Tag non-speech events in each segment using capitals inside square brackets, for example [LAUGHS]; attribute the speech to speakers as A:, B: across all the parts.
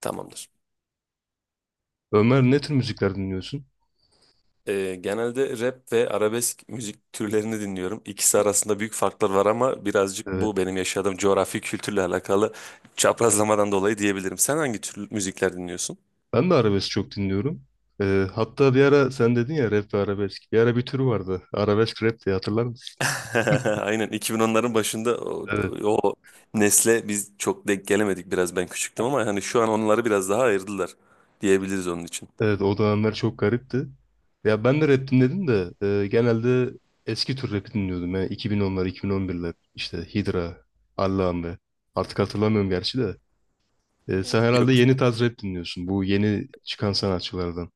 A: Tamamdır.
B: Ömer, ne tür müzikler dinliyorsun?
A: Genelde rap ve arabesk müzik türlerini dinliyorum. İkisi arasında büyük farklar var ama birazcık
B: Evet.
A: bu benim yaşadığım coğrafi kültürle alakalı çaprazlamadan dolayı diyebilirim. Sen hangi tür müzikler dinliyorsun?
B: Ben de arabesk çok dinliyorum. Hatta bir ara sen dedin ya, rap ve arabesk. Bir ara bir türü vardı. Arabesk rap diye hatırlar mısın?
A: [LAUGHS] Aynen 2010'ların başında o,
B: Evet.
A: o nesle biz çok denk gelemedik, biraz ben küçüktüm ama hani şu an onları biraz daha ayırdılar diyebiliriz onun için.
B: Evet, o dönemler çok garipti. Ya ben de rap dinledim de genelde eski tür rapi dinliyordum. Yani 2010'lar, 2011'ler. İşte Hydra, Allame. Artık hatırlamıyorum gerçi de. Sen herhalde
A: Yok
B: yeni tarz rap dinliyorsun. Bu yeni çıkan sanatçılardan.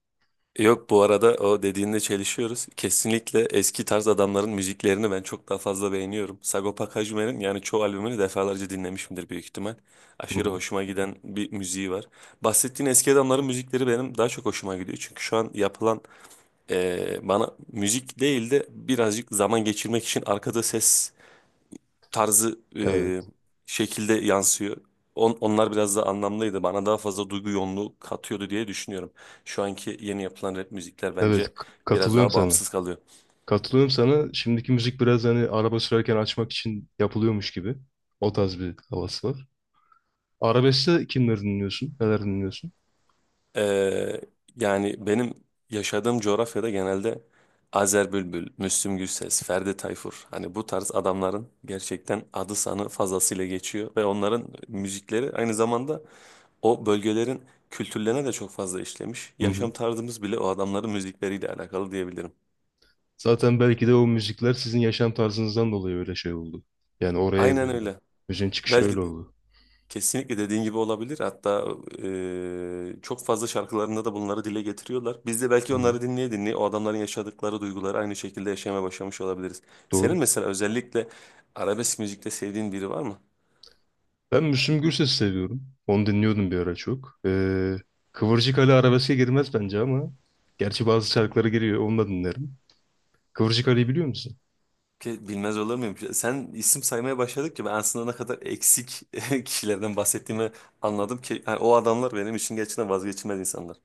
A: Yok, bu arada o dediğinde çelişiyoruz. Kesinlikle eski tarz adamların müziklerini ben çok daha fazla beğeniyorum. Sagopa Kajmer'in yani çoğu albümünü defalarca dinlemişimdir büyük ihtimal.
B: Hı
A: Aşırı
B: hı.
A: hoşuma giden bir müziği var. Bahsettiğin eski adamların müzikleri benim daha çok hoşuma gidiyor. Çünkü şu an yapılan bana müzik değil de birazcık zaman geçirmek için arkada ses tarzı
B: Evet.
A: şekilde yansıyor. Onlar biraz daha anlamlıydı. Bana daha fazla duygu yoğunluğu katıyordu diye düşünüyorum. Şu anki yeni yapılan rap müzikler
B: Evet,
A: bence biraz
B: katılıyorum
A: daha
B: sana.
A: bağımsız kalıyor.
B: Katılıyorum sana. Şimdiki müzik biraz hani araba sürerken açmak için yapılıyormuş gibi. O tarz bir havası var. Arabeskte kimleri dinliyorsun? Neler dinliyorsun?
A: Ee, Yani benim yaşadığım coğrafyada genelde Azer Bülbül, Müslüm Gürses, Ferdi Tayfur, hani bu tarz adamların gerçekten adı sanı fazlasıyla geçiyor ve onların müzikleri aynı zamanda o bölgelerin kültürlerine de çok fazla işlemiş.
B: Hı
A: Yaşam
B: hı.
A: tarzımız bile o adamların müzikleriyle alakalı diyebilirim.
B: Zaten belki de o müzikler sizin yaşam tarzınızdan dolayı öyle şey oldu. Yani oraya
A: Aynen
B: evrildi.
A: öyle.
B: Müziğin çıkışı
A: Belki
B: öyle oldu.
A: kesinlikle dediğin gibi olabilir. Hatta çok fazla şarkılarında da bunları dile getiriyorlar. Biz de
B: Hı
A: belki
B: hı.
A: onları dinleye dinleye o adamların yaşadıkları duyguları aynı şekilde yaşamaya başlamış olabiliriz. Senin
B: Doğru.
A: mesela özellikle arabesk müzikte sevdiğin biri var mı?
B: Ben Müslüm Gürses'i seviyorum. Onu dinliyordum bir ara çok. Kıvırcık Ali arabeske girmez bence ama. Gerçi bazı şarkıları giriyor. Onu da dinlerim. Kıvırcık Ali'yi biliyor musun?
A: Ki bilmez olur muyum? Sen isim saymaya başladıkça ben aslında ne kadar eksik [LAUGHS] kişilerden bahsettiğimi anladım ki, yani o adamlar benim için gerçekten vazgeçilmez insanlar.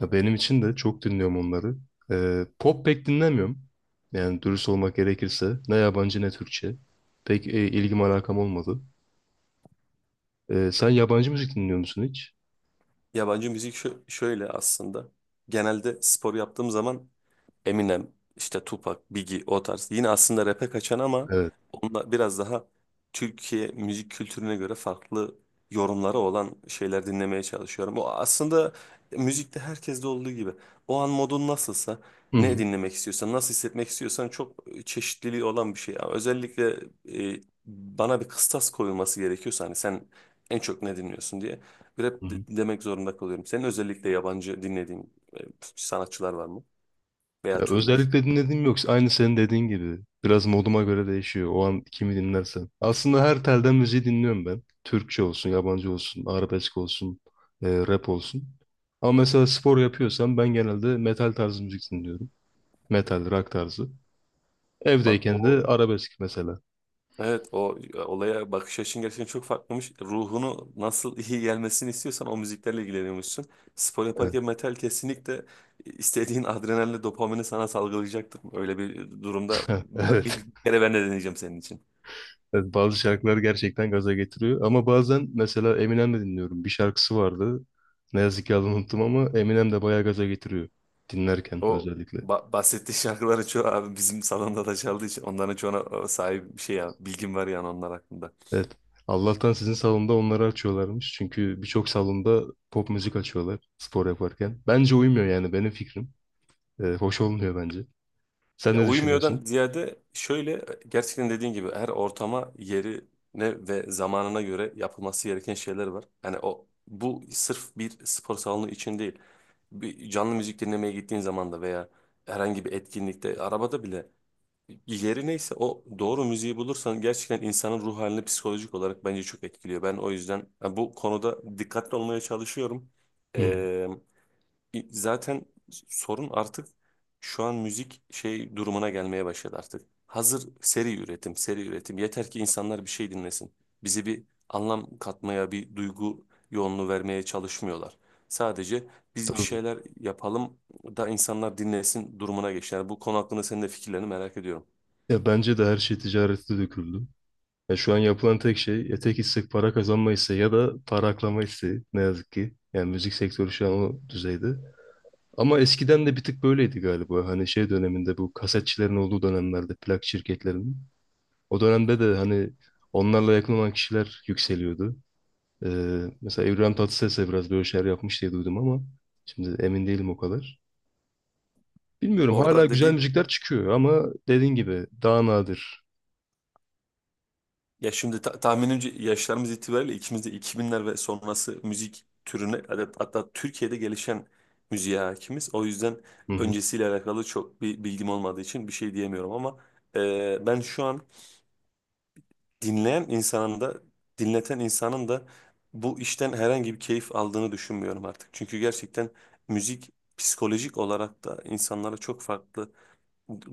B: Ya benim için de çok dinliyorum onları. Pop pek dinlemiyorum. Yani dürüst olmak gerekirse ne yabancı ne Türkçe. Pek ilgim alakam olmadı. Sen yabancı müzik dinliyor musun hiç?
A: Yabancı müzik şöyle aslında. Genelde spor yaptığım zaman Eminem, işte Tupac, Biggie, o tarz. Yine aslında rap'e kaçan ama
B: Evet.
A: onunla biraz daha Türkiye müzik kültürüne göre farklı yorumları olan şeyler dinlemeye çalışıyorum. O aslında müzikte herkeste olduğu gibi. O an modun nasılsa,
B: Hı
A: ne
B: hı.
A: dinlemek istiyorsan, nasıl hissetmek istiyorsan çok çeşitliliği olan bir şey. Ama özellikle e, bana bir kıstas koyulması gerekiyorsa hani sen en çok ne dinliyorsun diye
B: Hı hı.
A: demek zorunda kalıyorum. Senin özellikle yabancı dinlediğin e, sanatçılar var mı?
B: Ya
A: Veya türler?
B: özellikle dinlediğim yok. Aynı senin dediğin gibi. Biraz moduma göre değişiyor. O an kimi dinlersem. Aslında her telden müziği dinliyorum ben. Türkçe olsun, yabancı olsun, arabesk olsun, rap olsun. Ama mesela spor yapıyorsam ben genelde metal tarzı müzik dinliyorum. Metal, rock tarzı.
A: Bak
B: Evdeyken de
A: o
B: arabesk mesela.
A: evet o olaya bakış açın gerçekten çok farklıymış. Ruhunu nasıl iyi gelmesini istiyorsan o müziklerle ilgileniyormuşsun. Spor
B: Evet.
A: yaparken metal kesinlikle istediğin adrenalinle dopamini sana salgılayacaktır. Öyle bir durumda
B: [LAUGHS] Evet.
A: bir kere ben de deneyeceğim senin için.
B: Evet, bazı şarkılar gerçekten gaza getiriyor. Ama bazen mesela Eminem de dinliyorum. Bir şarkısı vardı. Ne yazık ki adını unuttum ama Eminem de bayağı gaza getiriyor. Dinlerken
A: O
B: özellikle.
A: bahsettiği şarkıların çoğu abi bizim salonda da çaldığı için onların çoğuna sahip bir şey, ya bilgim var yani onlar hakkında.
B: Evet. Allah'tan sizin salonda onları açıyorlarmış. Çünkü birçok salonda pop müzik açıyorlar spor yaparken. Bence uymuyor, yani benim fikrim. Hoş olmuyor bence. Sen
A: Ya
B: ne
A: uyumuyordan
B: düşünüyorsun?
A: ziyade şöyle, gerçekten dediğin gibi her ortama, yerine ve zamanına göre yapılması gereken şeyler var. Yani o bu sırf bir spor salonu için değil. Bir canlı müzik dinlemeye gittiğin zaman da veya herhangi bir etkinlikte, arabada bile yeri neyse o doğru müziği bulursan gerçekten insanın ruh halini psikolojik olarak bence çok etkiliyor. Ben o yüzden yani bu konuda dikkatli olmaya çalışıyorum.
B: Hı,
A: Zaten sorun artık şu an müzik şey durumuna gelmeye başladı artık. Hazır seri üretim, seri üretim. Yeter ki insanlar bir şey dinlesin. Bize bir anlam katmaya, bir duygu yoğunluğu vermeye çalışmıyorlar. Sadece biz bir
B: tabii.
A: şeyler yapalım da insanlar dinlesin durumuna geçtiler. Bu konu hakkında senin de fikirlerini merak ediyorum.
B: Ya bence de her şey ticarete döküldü. Ya şu an yapılan tek şey etek istek para kazanma isteği ya da para aklama isteği, ne yazık ki. Yani müzik sektörü şu an o düzeyde. Ama eskiden de bir tık böyleydi galiba. Hani şey döneminde, bu kasetçilerin olduğu dönemlerde, plak şirketlerinin. O dönemde de hani onlarla yakın olan kişiler yükseliyordu. Mesela İbrahim Tatlıses de biraz böyle şeyler yapmış diye duydum ama şimdi emin değilim o kadar. Bilmiyorum, hala
A: Orada
B: güzel
A: dedi.
B: müzikler çıkıyor ama dediğin gibi daha nadir.
A: Ya şimdi tahminimce yaşlarımız itibariyle ikimiz de 2000'ler ve sonrası müzik türüne, hatta Türkiye'de gelişen müziğe hakimiz. O yüzden
B: Hı hı,
A: öncesiyle alakalı çok bir bilgim olmadığı için bir şey diyemiyorum ama ben şu an dinleyen insanın da dinleten insanın da bu işten herhangi bir keyif aldığını düşünmüyorum artık. Çünkü gerçekten müzik psikolojik olarak da insanlara çok farklı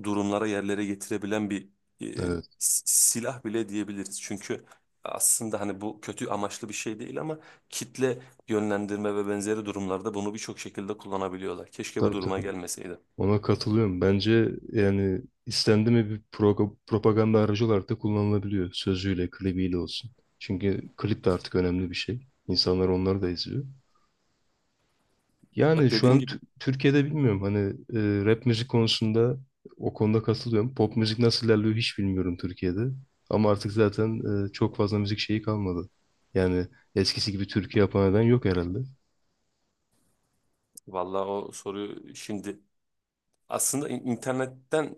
A: durumlara, yerlere getirebilen bir e,
B: evet,
A: silah bile diyebiliriz. Çünkü aslında hani bu kötü amaçlı bir şey değil ama kitle yönlendirme ve benzeri durumlarda bunu birçok şekilde kullanabiliyorlar. Keşke bu
B: tabii
A: duruma
B: tabii.
A: gelmeseydi.
B: Ona katılıyorum. Bence yani istendi mi bir propaganda aracı olarak da kullanılabiliyor. Sözüyle, klibiyle olsun. Çünkü klip de artık önemli bir şey. İnsanlar onları da izliyor. Yani
A: Bak
B: şu an
A: dediğim gibi,
B: Türkiye'de bilmiyorum. Hani rap müzik konusunda, o konuda katılıyorum. Pop müzik nasıl ilerliyor hiç bilmiyorum Türkiye'de. Ama artık zaten çok fazla müzik şeyi kalmadı. Yani eskisi gibi türkü yapan eden yok herhalde.
A: vallahi o soruyu şimdi aslında internetten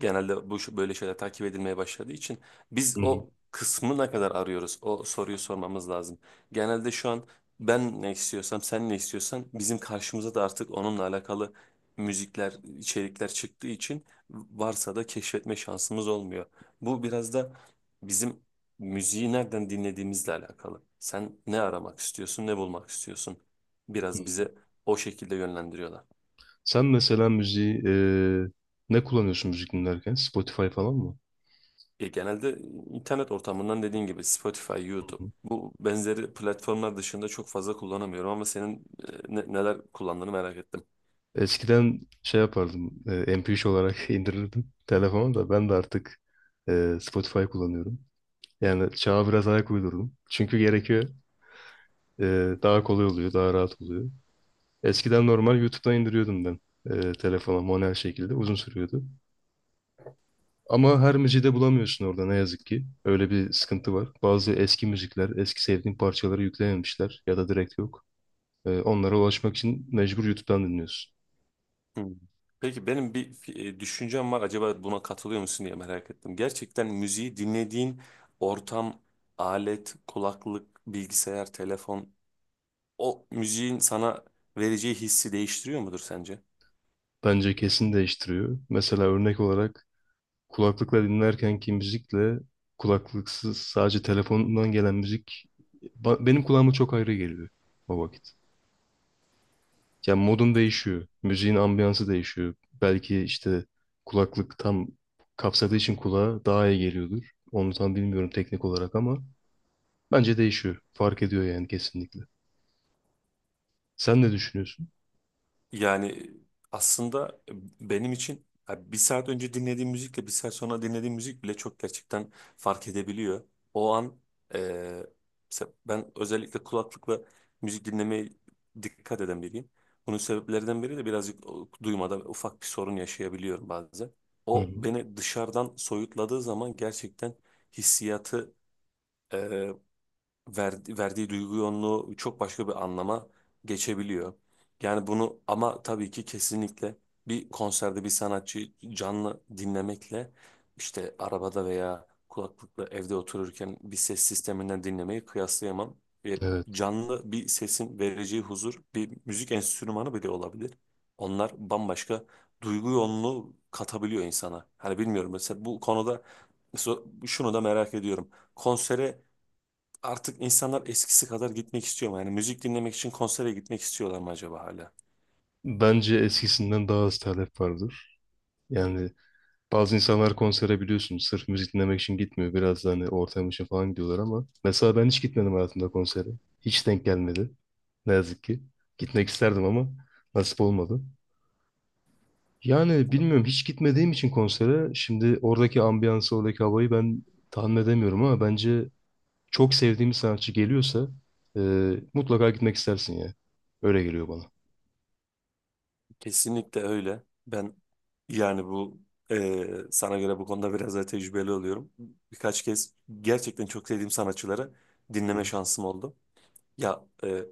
A: genelde böyle şeyler takip edilmeye başladığı için biz
B: Hı hı.
A: o kısmı ne kadar arıyoruz? O soruyu sormamız lazım. Genelde şu an ben ne istiyorsam, sen ne istiyorsan bizim karşımıza da artık onunla alakalı müzikler, içerikler çıktığı için, varsa da keşfetme şansımız olmuyor. Bu biraz da bizim müziği nereden dinlediğimizle alakalı. Sen ne aramak istiyorsun, ne bulmak istiyorsun?
B: Hı
A: Biraz
B: hı.
A: bize o şekilde yönlendiriyorlar.
B: Sen mesela müziği ne kullanıyorsun müzik dinlerken? Spotify falan mı?
A: Ya genelde internet ortamından dediğin gibi Spotify,
B: Hı
A: YouTube
B: hı.
A: bu benzeri platformlar dışında çok fazla kullanamıyorum ama senin neler kullandığını merak ettim.
B: Eskiden şey yapardım. MP3 olarak [LAUGHS] indirirdim telefona, da ben de artık Spotify kullanıyorum. Yani çağa biraz ayak uydurdum. Çünkü gerekiyor. Daha kolay oluyor, daha rahat oluyor. Eskiden normal YouTube'dan indiriyordum ben telefona manuel şekilde. Uzun sürüyordu. Ama her müziği de bulamıyorsun orada, ne yazık ki. Öyle bir sıkıntı var. Bazı eski müzikler, eski sevdiğin parçaları yüklememişler ya da direkt yok. Onlara ulaşmak için mecbur YouTube'dan dinliyorsun.
A: Hmm. Peki benim bir düşüncem var, acaba buna katılıyor musun diye merak ettim. Gerçekten müziği dinlediğin ortam, alet, kulaklık, bilgisayar, telefon o müziğin sana vereceği hissi değiştiriyor mudur sence?
B: Bence kesin değiştiriyor. Mesela örnek olarak kulaklıkla dinlerkenki müzikle kulaklıksız sadece telefondan gelen müzik benim kulağıma çok ayrı geliyor o vakit. Yani modum değişiyor. Müziğin ambiyansı değişiyor. Belki işte kulaklık tam kapsadığı için kulağa daha iyi geliyordur. Onu tam bilmiyorum teknik olarak ama bence değişiyor. Fark ediyor yani, kesinlikle. Sen ne düşünüyorsun?
A: Yani aslında benim için ya bir saat önce dinlediğim müzikle bir saat sonra dinlediğim müzik bile çok gerçekten fark edebiliyor. O an eee, mesela ben özellikle kulaklıkla müzik dinlemeye dikkat eden biriyim. Bunun sebeplerinden biri de birazcık duymada ufak bir sorun yaşayabiliyorum bazen.
B: Hı
A: O
B: hı.
A: beni dışarıdan soyutladığı zaman gerçekten hissiyatı verdiği duygu yoğunluğu çok başka bir anlama geçebiliyor. Yani bunu, ama tabii ki kesinlikle bir konserde bir sanatçıyı canlı dinlemekle işte arabada veya kulaklıkla evde otururken bir ses sisteminden dinlemeyi kıyaslayamam. E,
B: Evet.
A: Canlı bir sesin vereceği huzur bir müzik enstrümanı bile olabilir. Onlar bambaşka duygu yoğunluğu katabiliyor insana. Hani bilmiyorum, mesela bu konuda mesela şunu da merak ediyorum. Konsere artık insanlar eskisi kadar gitmek istiyor mu? Yani müzik dinlemek için konsere gitmek istiyorlar mı acaba hala?
B: Bence eskisinden daha az talep vardır. Yani bazı insanlar konsere biliyorsun sırf müzik dinlemek için gitmiyor. Biraz da hani ortam için falan gidiyorlar ama mesela ben hiç gitmedim hayatımda konsere. Hiç denk gelmedi. Ne yazık ki. Gitmek isterdim ama nasip olmadı. Yani bilmiyorum, hiç gitmediğim için konsere, şimdi oradaki ambiyansı, oradaki havayı ben tahmin edemiyorum ama bence çok sevdiğim bir sanatçı geliyorsa e, mutlaka gitmek istersin ya. Öyle geliyor bana.
A: Kesinlikle öyle. Ben yani bu sana göre bu konuda biraz daha tecrübeli oluyorum. Birkaç kez gerçekten çok sevdiğim sanatçıları
B: Hı
A: dinleme şansım oldu. Ya e,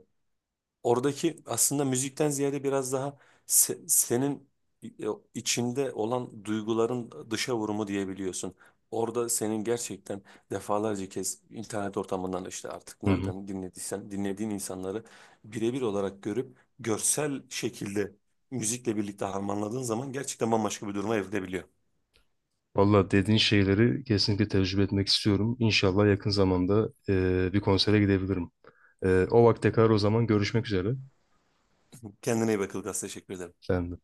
A: Oradaki aslında müzikten ziyade biraz daha senin e, içinde olan duyguların dışa vurumu diyebiliyorsun. Orada senin gerçekten defalarca kez internet ortamından işte artık
B: hı.
A: nereden dinlediysen dinlediğin insanları birebir olarak görüp görsel şekilde müzikle birlikte harmanladığın zaman gerçekten bambaşka bir duruma evrilebiliyor.
B: Valla dediğin şeyleri kesinlikle tecrübe etmek istiyorum. İnşallah yakın zamanda bir konsere gidebilirim. E, o vakte kadar o zaman görüşmek üzere.
A: Kendine iyi bakıl Ilgaz. Teşekkür ederim.
B: Ben